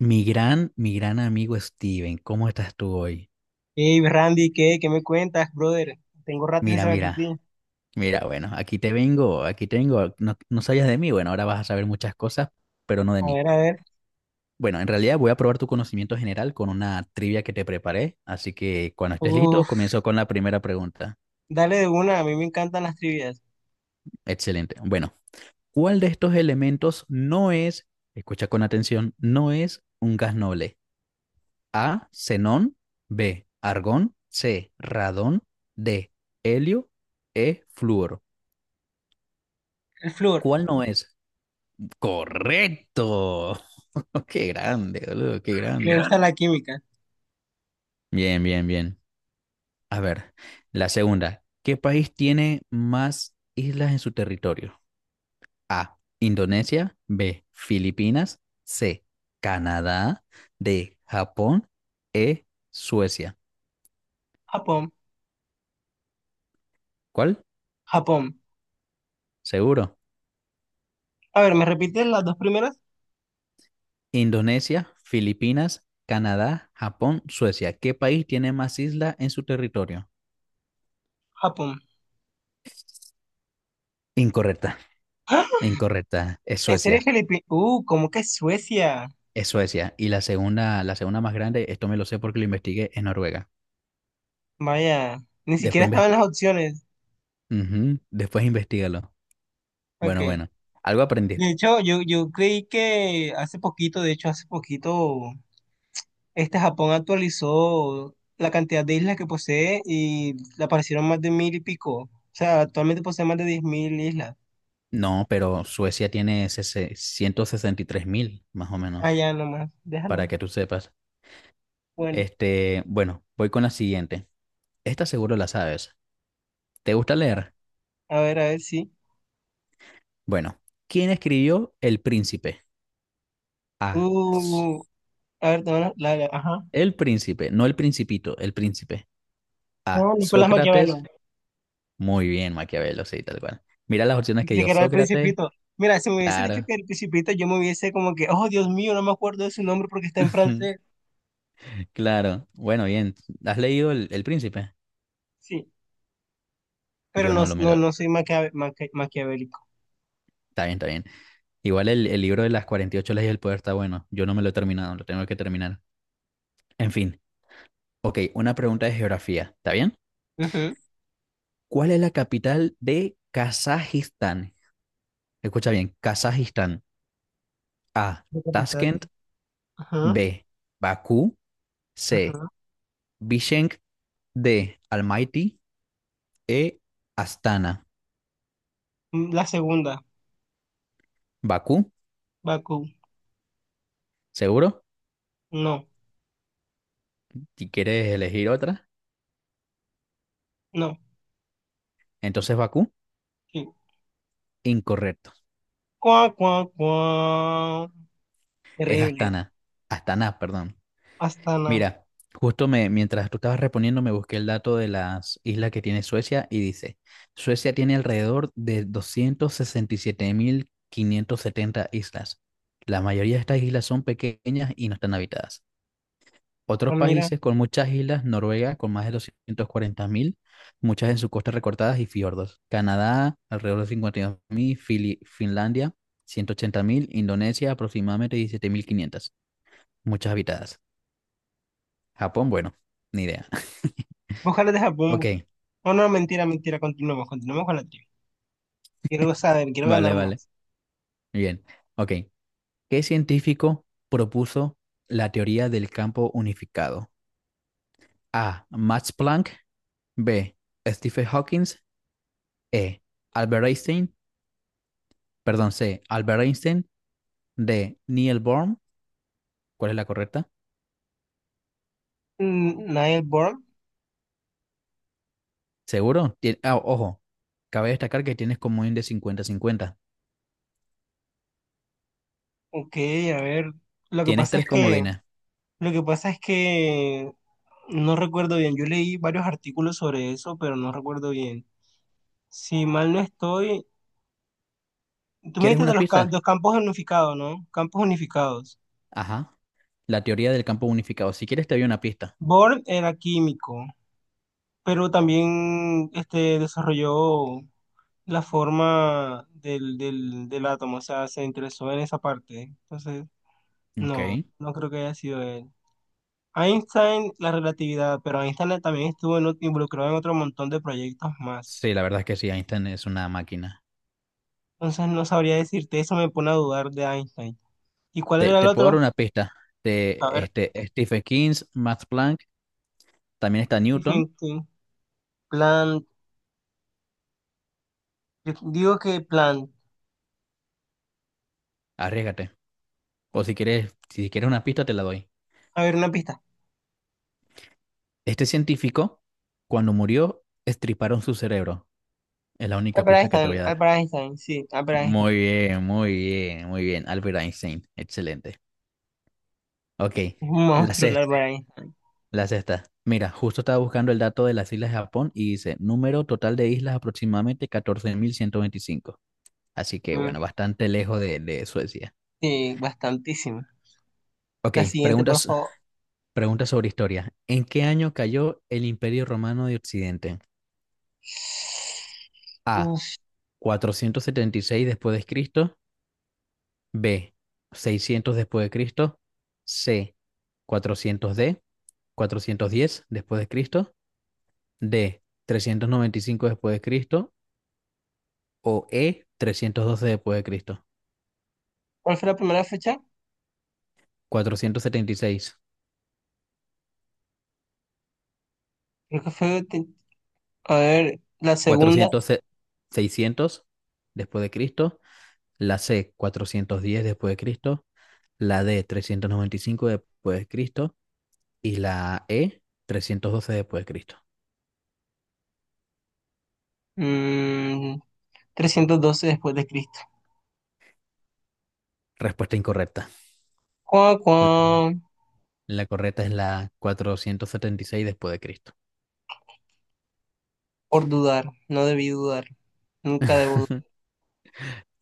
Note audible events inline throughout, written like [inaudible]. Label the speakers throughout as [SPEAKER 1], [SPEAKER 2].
[SPEAKER 1] Mi gran amigo Steven, ¿cómo estás tú hoy?
[SPEAKER 2] Hey, Randy, ¿qué? ¿Qué me cuentas, brother? Tengo rato sin
[SPEAKER 1] Mira,
[SPEAKER 2] saber de ti.
[SPEAKER 1] mira, bueno, aquí te vengo. No sabías de mí, bueno, ahora vas a saber muchas cosas, pero no de
[SPEAKER 2] A
[SPEAKER 1] mí.
[SPEAKER 2] ver, a ver.
[SPEAKER 1] Bueno, en realidad voy a probar tu conocimiento general con una trivia que te preparé, así que cuando estés listo,
[SPEAKER 2] Uf,
[SPEAKER 1] comienzo con la primera pregunta.
[SPEAKER 2] dale de una, a mí me encantan las trivias.
[SPEAKER 1] Excelente. Bueno, ¿cuál de estos elementos no es, escucha con atención, no es un gas noble? A, xenón, B, argón, C, radón, D, helio, E, flúor.
[SPEAKER 2] El flúor,
[SPEAKER 1] ¿Cuál no es? Correcto. [laughs] Qué grande, boludo, qué
[SPEAKER 2] me
[SPEAKER 1] grande.
[SPEAKER 2] gusta la química.
[SPEAKER 1] Bien, bien, bien. A ver, la segunda. ¿Qué país tiene más islas en su territorio? A, Indonesia, B, Filipinas, C, Canadá, D, Japón, E, Suecia.
[SPEAKER 2] Japón,
[SPEAKER 1] ¿Cuál?
[SPEAKER 2] Japón.
[SPEAKER 1] Seguro.
[SPEAKER 2] A ver, ¿me repites las dos primeras?
[SPEAKER 1] Indonesia, Filipinas, Canadá, Japón, Suecia. ¿Qué país tiene más islas en su territorio?
[SPEAKER 2] Japón.
[SPEAKER 1] Incorrecta,
[SPEAKER 2] ¡Ah!
[SPEAKER 1] incorrecta. Es
[SPEAKER 2] ¿En serio,
[SPEAKER 1] Suecia,
[SPEAKER 2] Felipe? ¿Cómo que Suecia?
[SPEAKER 1] es Suecia. Y la segunda más grande, esto me lo sé porque lo investigué, es Noruega.
[SPEAKER 2] Vaya, ni siquiera
[SPEAKER 1] Después, inves-
[SPEAKER 2] estaban las opciones.
[SPEAKER 1] Ujú, después investigalo. Bueno,
[SPEAKER 2] Ok.
[SPEAKER 1] bueno. Algo
[SPEAKER 2] De
[SPEAKER 1] aprendiste.
[SPEAKER 2] hecho, yo creí que hace poquito, de hecho, hace poquito. Japón actualizó la cantidad de islas que posee y le aparecieron más de mil y pico. O sea, actualmente posee más de 10.000 islas.
[SPEAKER 1] No, pero Suecia tiene 163.000, más o menos,
[SPEAKER 2] Allá nomás, déjalo
[SPEAKER 1] para
[SPEAKER 2] ahí.
[SPEAKER 1] que tú sepas.
[SPEAKER 2] Bueno,
[SPEAKER 1] Este, bueno, voy con la siguiente. Esta seguro la sabes. ¿Te gusta leer?
[SPEAKER 2] a ver, sí.
[SPEAKER 1] Bueno, ¿quién escribió El Príncipe? A. S-
[SPEAKER 2] Uh, a ver, no, no, ajá.
[SPEAKER 1] El Príncipe, no el Principito, el Príncipe. A.
[SPEAKER 2] No, Nicolás Maquiavelo.
[SPEAKER 1] Sócrates. Muy bien, Maquiavelo, sí, tal cual. Mira las opciones
[SPEAKER 2] Yo
[SPEAKER 1] que
[SPEAKER 2] creí
[SPEAKER 1] dio
[SPEAKER 2] que era el
[SPEAKER 1] Sócrates.
[SPEAKER 2] Principito. Mira, si me hubiese dicho
[SPEAKER 1] Claro.
[SPEAKER 2] que era el Principito, yo me hubiese como que, oh, Dios mío, no me acuerdo de su nombre porque está en francés.
[SPEAKER 1] [laughs] Claro. Bueno, bien. ¿Has leído El Príncipe?
[SPEAKER 2] Sí, pero
[SPEAKER 1] Yo
[SPEAKER 2] no,
[SPEAKER 1] no lo me
[SPEAKER 2] no,
[SPEAKER 1] lo.
[SPEAKER 2] no soy maquiavélico.
[SPEAKER 1] Está bien, está bien. Igual el libro de las 48 leyes del poder está bueno. Yo no me lo he terminado, lo tengo que terminar. En fin. Ok, una pregunta de geografía. ¿Está bien?
[SPEAKER 2] Ujú.
[SPEAKER 1] ¿Cuál es la capital de Kazajistán? Escucha bien, Kazajistán. A.
[SPEAKER 2] De capital.
[SPEAKER 1] Tashkent.
[SPEAKER 2] Ajá,
[SPEAKER 1] B. Bakú. C.
[SPEAKER 2] ajá.
[SPEAKER 1] Bishkek. D. Almaty. E. Astana.
[SPEAKER 2] La segunda,
[SPEAKER 1] Bakú,
[SPEAKER 2] Bakú.
[SPEAKER 1] ¿seguro?
[SPEAKER 2] No,
[SPEAKER 1] Si quieres elegir otra,
[SPEAKER 2] no.
[SPEAKER 1] entonces Bakú,
[SPEAKER 2] Sí.
[SPEAKER 1] incorrecto.
[SPEAKER 2] Cuá, cuá, cuá.
[SPEAKER 1] Es
[SPEAKER 2] Terrible.
[SPEAKER 1] Astana. Astana, perdón.
[SPEAKER 2] Astana.
[SPEAKER 1] Mira, justo me, mientras tú estabas respondiendo, me busqué el dato de las islas que tiene Suecia y dice, Suecia tiene alrededor de 267.570 islas. La mayoría de estas islas son pequeñas y no están habitadas.
[SPEAKER 2] Ah,
[SPEAKER 1] Otros
[SPEAKER 2] mira.
[SPEAKER 1] países con muchas islas, Noruega con más de 240.000, muchas en sus costas recortadas y fiordos. Canadá, alrededor de 52.000, Finlandia, 180.000; Indonesia, aproximadamente 17.500, muchas habitadas. Japón, bueno, ni idea. [laughs]
[SPEAKER 2] Ojalá deja
[SPEAKER 1] Ok,
[SPEAKER 2] bombo. No, no, mentira, mentira. Continuemos, continuemos con la trivia. Quiero saber, quiero ganar
[SPEAKER 1] vale, vale,
[SPEAKER 2] más.
[SPEAKER 1] bien. Ok, ¿qué científico propuso la teoría del campo unificado? A. Max Planck, B. Stephen Hawking, E. Albert Einstein, perdón, C. Albert Einstein. De Neil Bohr. ¿Cuál es la correcta?
[SPEAKER 2] Niall Bohr.
[SPEAKER 1] ¿Seguro? Ah, ojo, cabe destacar que tienes comodín de cincuenta-cincuenta.
[SPEAKER 2] Ok, a ver. Lo que
[SPEAKER 1] Tienes
[SPEAKER 2] pasa es
[SPEAKER 1] tres
[SPEAKER 2] que,
[SPEAKER 1] comodines.
[SPEAKER 2] lo que pasa es que no recuerdo bien. Yo leí varios artículos sobre eso, pero no recuerdo bien. Si mal no estoy, tú me
[SPEAKER 1] ¿Quieres
[SPEAKER 2] dijiste de
[SPEAKER 1] una
[SPEAKER 2] los
[SPEAKER 1] pista?
[SPEAKER 2] campos unificados, ¿no? Campos unificados.
[SPEAKER 1] Ajá. La teoría del campo unificado. Si quieres, te doy una pista.
[SPEAKER 2] Bohr era químico, pero también desarrolló la forma del átomo. O sea, se interesó en esa parte. Entonces,
[SPEAKER 1] Ok.
[SPEAKER 2] no, no creo que haya sido él. Einstein, la relatividad, pero Einstein también estuvo involucrado en otro montón de proyectos más.
[SPEAKER 1] Sí, la verdad es que sí, Einstein es una máquina.
[SPEAKER 2] Entonces, no sabría decirte, eso me pone a dudar de Einstein. ¿Y cuál
[SPEAKER 1] Te,
[SPEAKER 2] era el
[SPEAKER 1] te puedo dar
[SPEAKER 2] otro?
[SPEAKER 1] una pista. De
[SPEAKER 2] A ver,
[SPEAKER 1] este, Stephen King, Max Planck, también está Newton.
[SPEAKER 2] thinking, Plan, yo digo que plan.
[SPEAKER 1] Arriesgate. O si quieres, si quieres una pista, te la doy.
[SPEAKER 2] A ver, una pista.
[SPEAKER 1] Este científico, cuando murió, estriparon su cerebro. Es la única
[SPEAKER 2] Albert
[SPEAKER 1] pista que te
[SPEAKER 2] Einstein,
[SPEAKER 1] voy a dar.
[SPEAKER 2] Albert Einstein, sí, Albert Einstein.
[SPEAKER 1] Muy bien, muy bien, muy bien. Albert Einstein, excelente. Ok,
[SPEAKER 2] Es un
[SPEAKER 1] la
[SPEAKER 2] monstruo el
[SPEAKER 1] sexta,
[SPEAKER 2] Albert Einstein.
[SPEAKER 1] la sexta. Mira, justo estaba buscando el dato de las islas de Japón y dice número total de islas aproximadamente 14.125. Así que bueno, bastante lejos de Suecia.
[SPEAKER 2] Sí, bastantísimo.
[SPEAKER 1] Ok,
[SPEAKER 2] La siguiente, por
[SPEAKER 1] preguntas,
[SPEAKER 2] favor.
[SPEAKER 1] preguntas sobre historia. ¿En qué año cayó el Imperio Romano de Occidente? A.
[SPEAKER 2] Uf,
[SPEAKER 1] 476 después de Cristo. B. 600 después de Cristo. C. 400. D. 410 después de Cristo, D, 395 después de Cristo o E, 312 después de Cristo.
[SPEAKER 2] ¿cuál fue la primera fecha?
[SPEAKER 1] 476,
[SPEAKER 2] Creo que fue, a ver, la segunda,
[SPEAKER 1] 400, 600 después de Cristo, la C, 410 después de Cristo, la D, 395 después de Cristo y la E, 312 después de Cristo.
[SPEAKER 2] mm, trescientos doce después de Cristo.
[SPEAKER 1] Respuesta incorrecta.
[SPEAKER 2] Cuá,
[SPEAKER 1] La,
[SPEAKER 2] cuá,
[SPEAKER 1] la correcta es la 476 después de Cristo.
[SPEAKER 2] por dudar, no debí dudar, nunca debo dudar.
[SPEAKER 1] [laughs]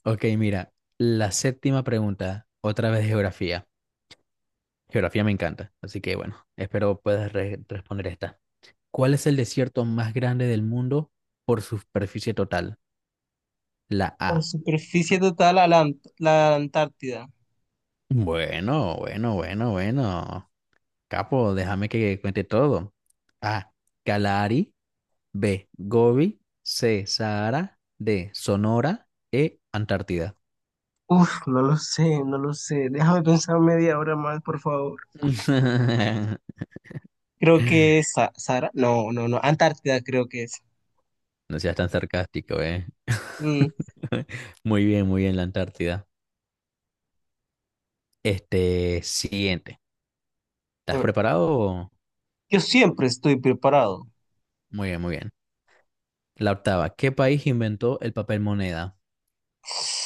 [SPEAKER 1] Ok, mira, la séptima pregunta, otra vez de geografía. Geografía me encanta, así que bueno, espero puedas responder esta. ¿Cuál es el desierto más grande del mundo por superficie total? La
[SPEAKER 2] Por
[SPEAKER 1] A.
[SPEAKER 2] superficie total a la Antártida.
[SPEAKER 1] Bueno, bueno, bueno, bueno. Capo, déjame que cuente todo. A. Kalahari. B. Gobi. C. Sahara. D. Sonora. E. Antártida.
[SPEAKER 2] Uf, no lo sé, no lo sé. Déjame pensar media hora más, por favor.
[SPEAKER 1] [laughs]
[SPEAKER 2] Creo que es Sara. No, no, no. Antártida creo que es.
[SPEAKER 1] No seas tan sarcástico, ¿eh?
[SPEAKER 2] Mm,
[SPEAKER 1] [laughs] Muy bien, la Antártida. Este, siguiente.
[SPEAKER 2] a
[SPEAKER 1] ¿Estás
[SPEAKER 2] ver.
[SPEAKER 1] preparado?
[SPEAKER 2] Yo siempre estoy preparado.
[SPEAKER 1] Muy bien, muy bien. La octava. ¿Qué país inventó el papel moneda?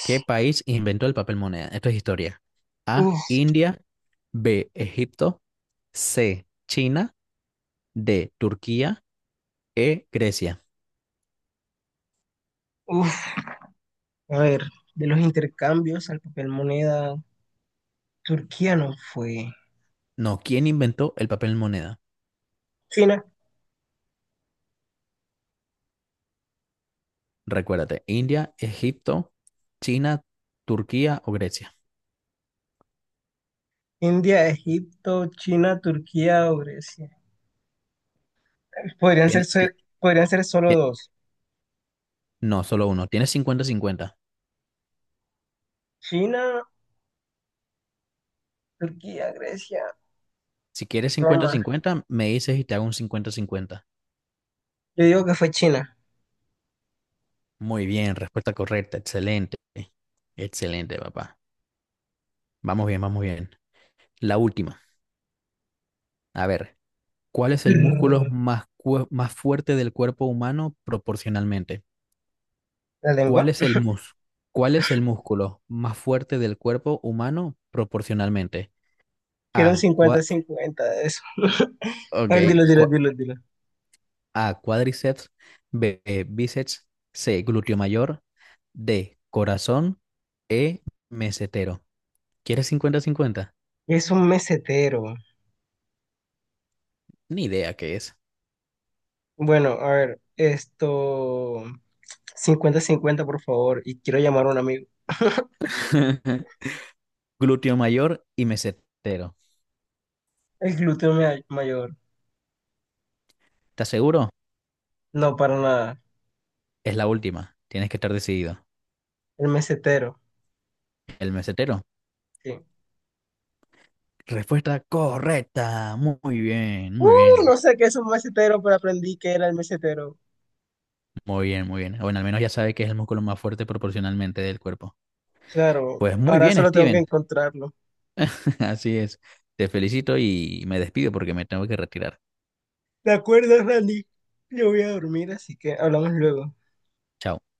[SPEAKER 1] ¿Qué país inventó el papel moneda? Esto es historia. A,
[SPEAKER 2] Uf,
[SPEAKER 1] India. B, Egipto. C, China. D, Turquía. E, Grecia.
[SPEAKER 2] uf. A ver, de los intercambios al papel moneda, Turquía no fue.
[SPEAKER 1] No, ¿quién inventó el papel moneda?
[SPEAKER 2] China,
[SPEAKER 1] Recuérdate, India, Egipto, China, Turquía o Grecia.
[SPEAKER 2] India, Egipto, China, Turquía o Grecia. Podrían ser,
[SPEAKER 1] Tiene-
[SPEAKER 2] so-
[SPEAKER 1] ti-
[SPEAKER 2] podrían ser solo
[SPEAKER 1] ti-
[SPEAKER 2] dos.
[SPEAKER 1] no, solo uno. Tienes cincuenta-cincuenta.
[SPEAKER 2] China, Turquía, Grecia,
[SPEAKER 1] Si quieres
[SPEAKER 2] Roma.
[SPEAKER 1] cincuenta-cincuenta, me dices y te hago un cincuenta-cincuenta.
[SPEAKER 2] Yo digo que fue China.
[SPEAKER 1] Muy bien, respuesta correcta. Excelente. Excelente, papá. Vamos bien, vamos bien. La última. A ver, ¿cuál es el músculo
[SPEAKER 2] Brr,
[SPEAKER 1] más, más fuerte del cuerpo humano proporcionalmente?
[SPEAKER 2] la
[SPEAKER 1] ¿Cuál
[SPEAKER 2] lengua.
[SPEAKER 1] es el mus? ¿Cuál es el músculo más fuerte del cuerpo humano proporcionalmente?
[SPEAKER 2] Quiero un
[SPEAKER 1] A,
[SPEAKER 2] cincuenta,
[SPEAKER 1] cua-
[SPEAKER 2] cincuenta de eso. [laughs] A
[SPEAKER 1] ok,
[SPEAKER 2] ver, dilo, dilo,
[SPEAKER 1] cua-
[SPEAKER 2] dilo, dilo.
[SPEAKER 1] A, cuádriceps, B, bíceps, C, glúteo mayor, D, corazón, E, mesetero. ¿Quieres cincuenta cincuenta?
[SPEAKER 2] Es un mesetero.
[SPEAKER 1] Ni idea qué es.
[SPEAKER 2] Bueno, a ver, esto 50-50, por favor, y quiero llamar a un amigo. [laughs]
[SPEAKER 1] [laughs] Glúteo mayor y mesetero.
[SPEAKER 2] El glúteo mayor.
[SPEAKER 1] ¿Estás seguro?
[SPEAKER 2] No, para nada.
[SPEAKER 1] Es la última. Tienes que estar decidido.
[SPEAKER 2] El mesetero.
[SPEAKER 1] El mesetero.
[SPEAKER 2] Sí.
[SPEAKER 1] Respuesta correcta. Muy bien,
[SPEAKER 2] Uh,
[SPEAKER 1] muy bien.
[SPEAKER 2] no sé qué es un mesetero, pero aprendí que era el mesetero.
[SPEAKER 1] Muy bien, muy bien. Bueno, al menos ya sabe que es el músculo más fuerte proporcionalmente del cuerpo.
[SPEAKER 2] Claro,
[SPEAKER 1] Pues muy
[SPEAKER 2] ahora
[SPEAKER 1] bien,
[SPEAKER 2] solo tengo que
[SPEAKER 1] Steven.
[SPEAKER 2] encontrarlo.
[SPEAKER 1] [laughs] Así es. Te felicito y me despido porque me tengo que retirar.
[SPEAKER 2] De acuerdo, Randy. Yo voy a dormir, así que hablamos luego.
[SPEAKER 1] Chao.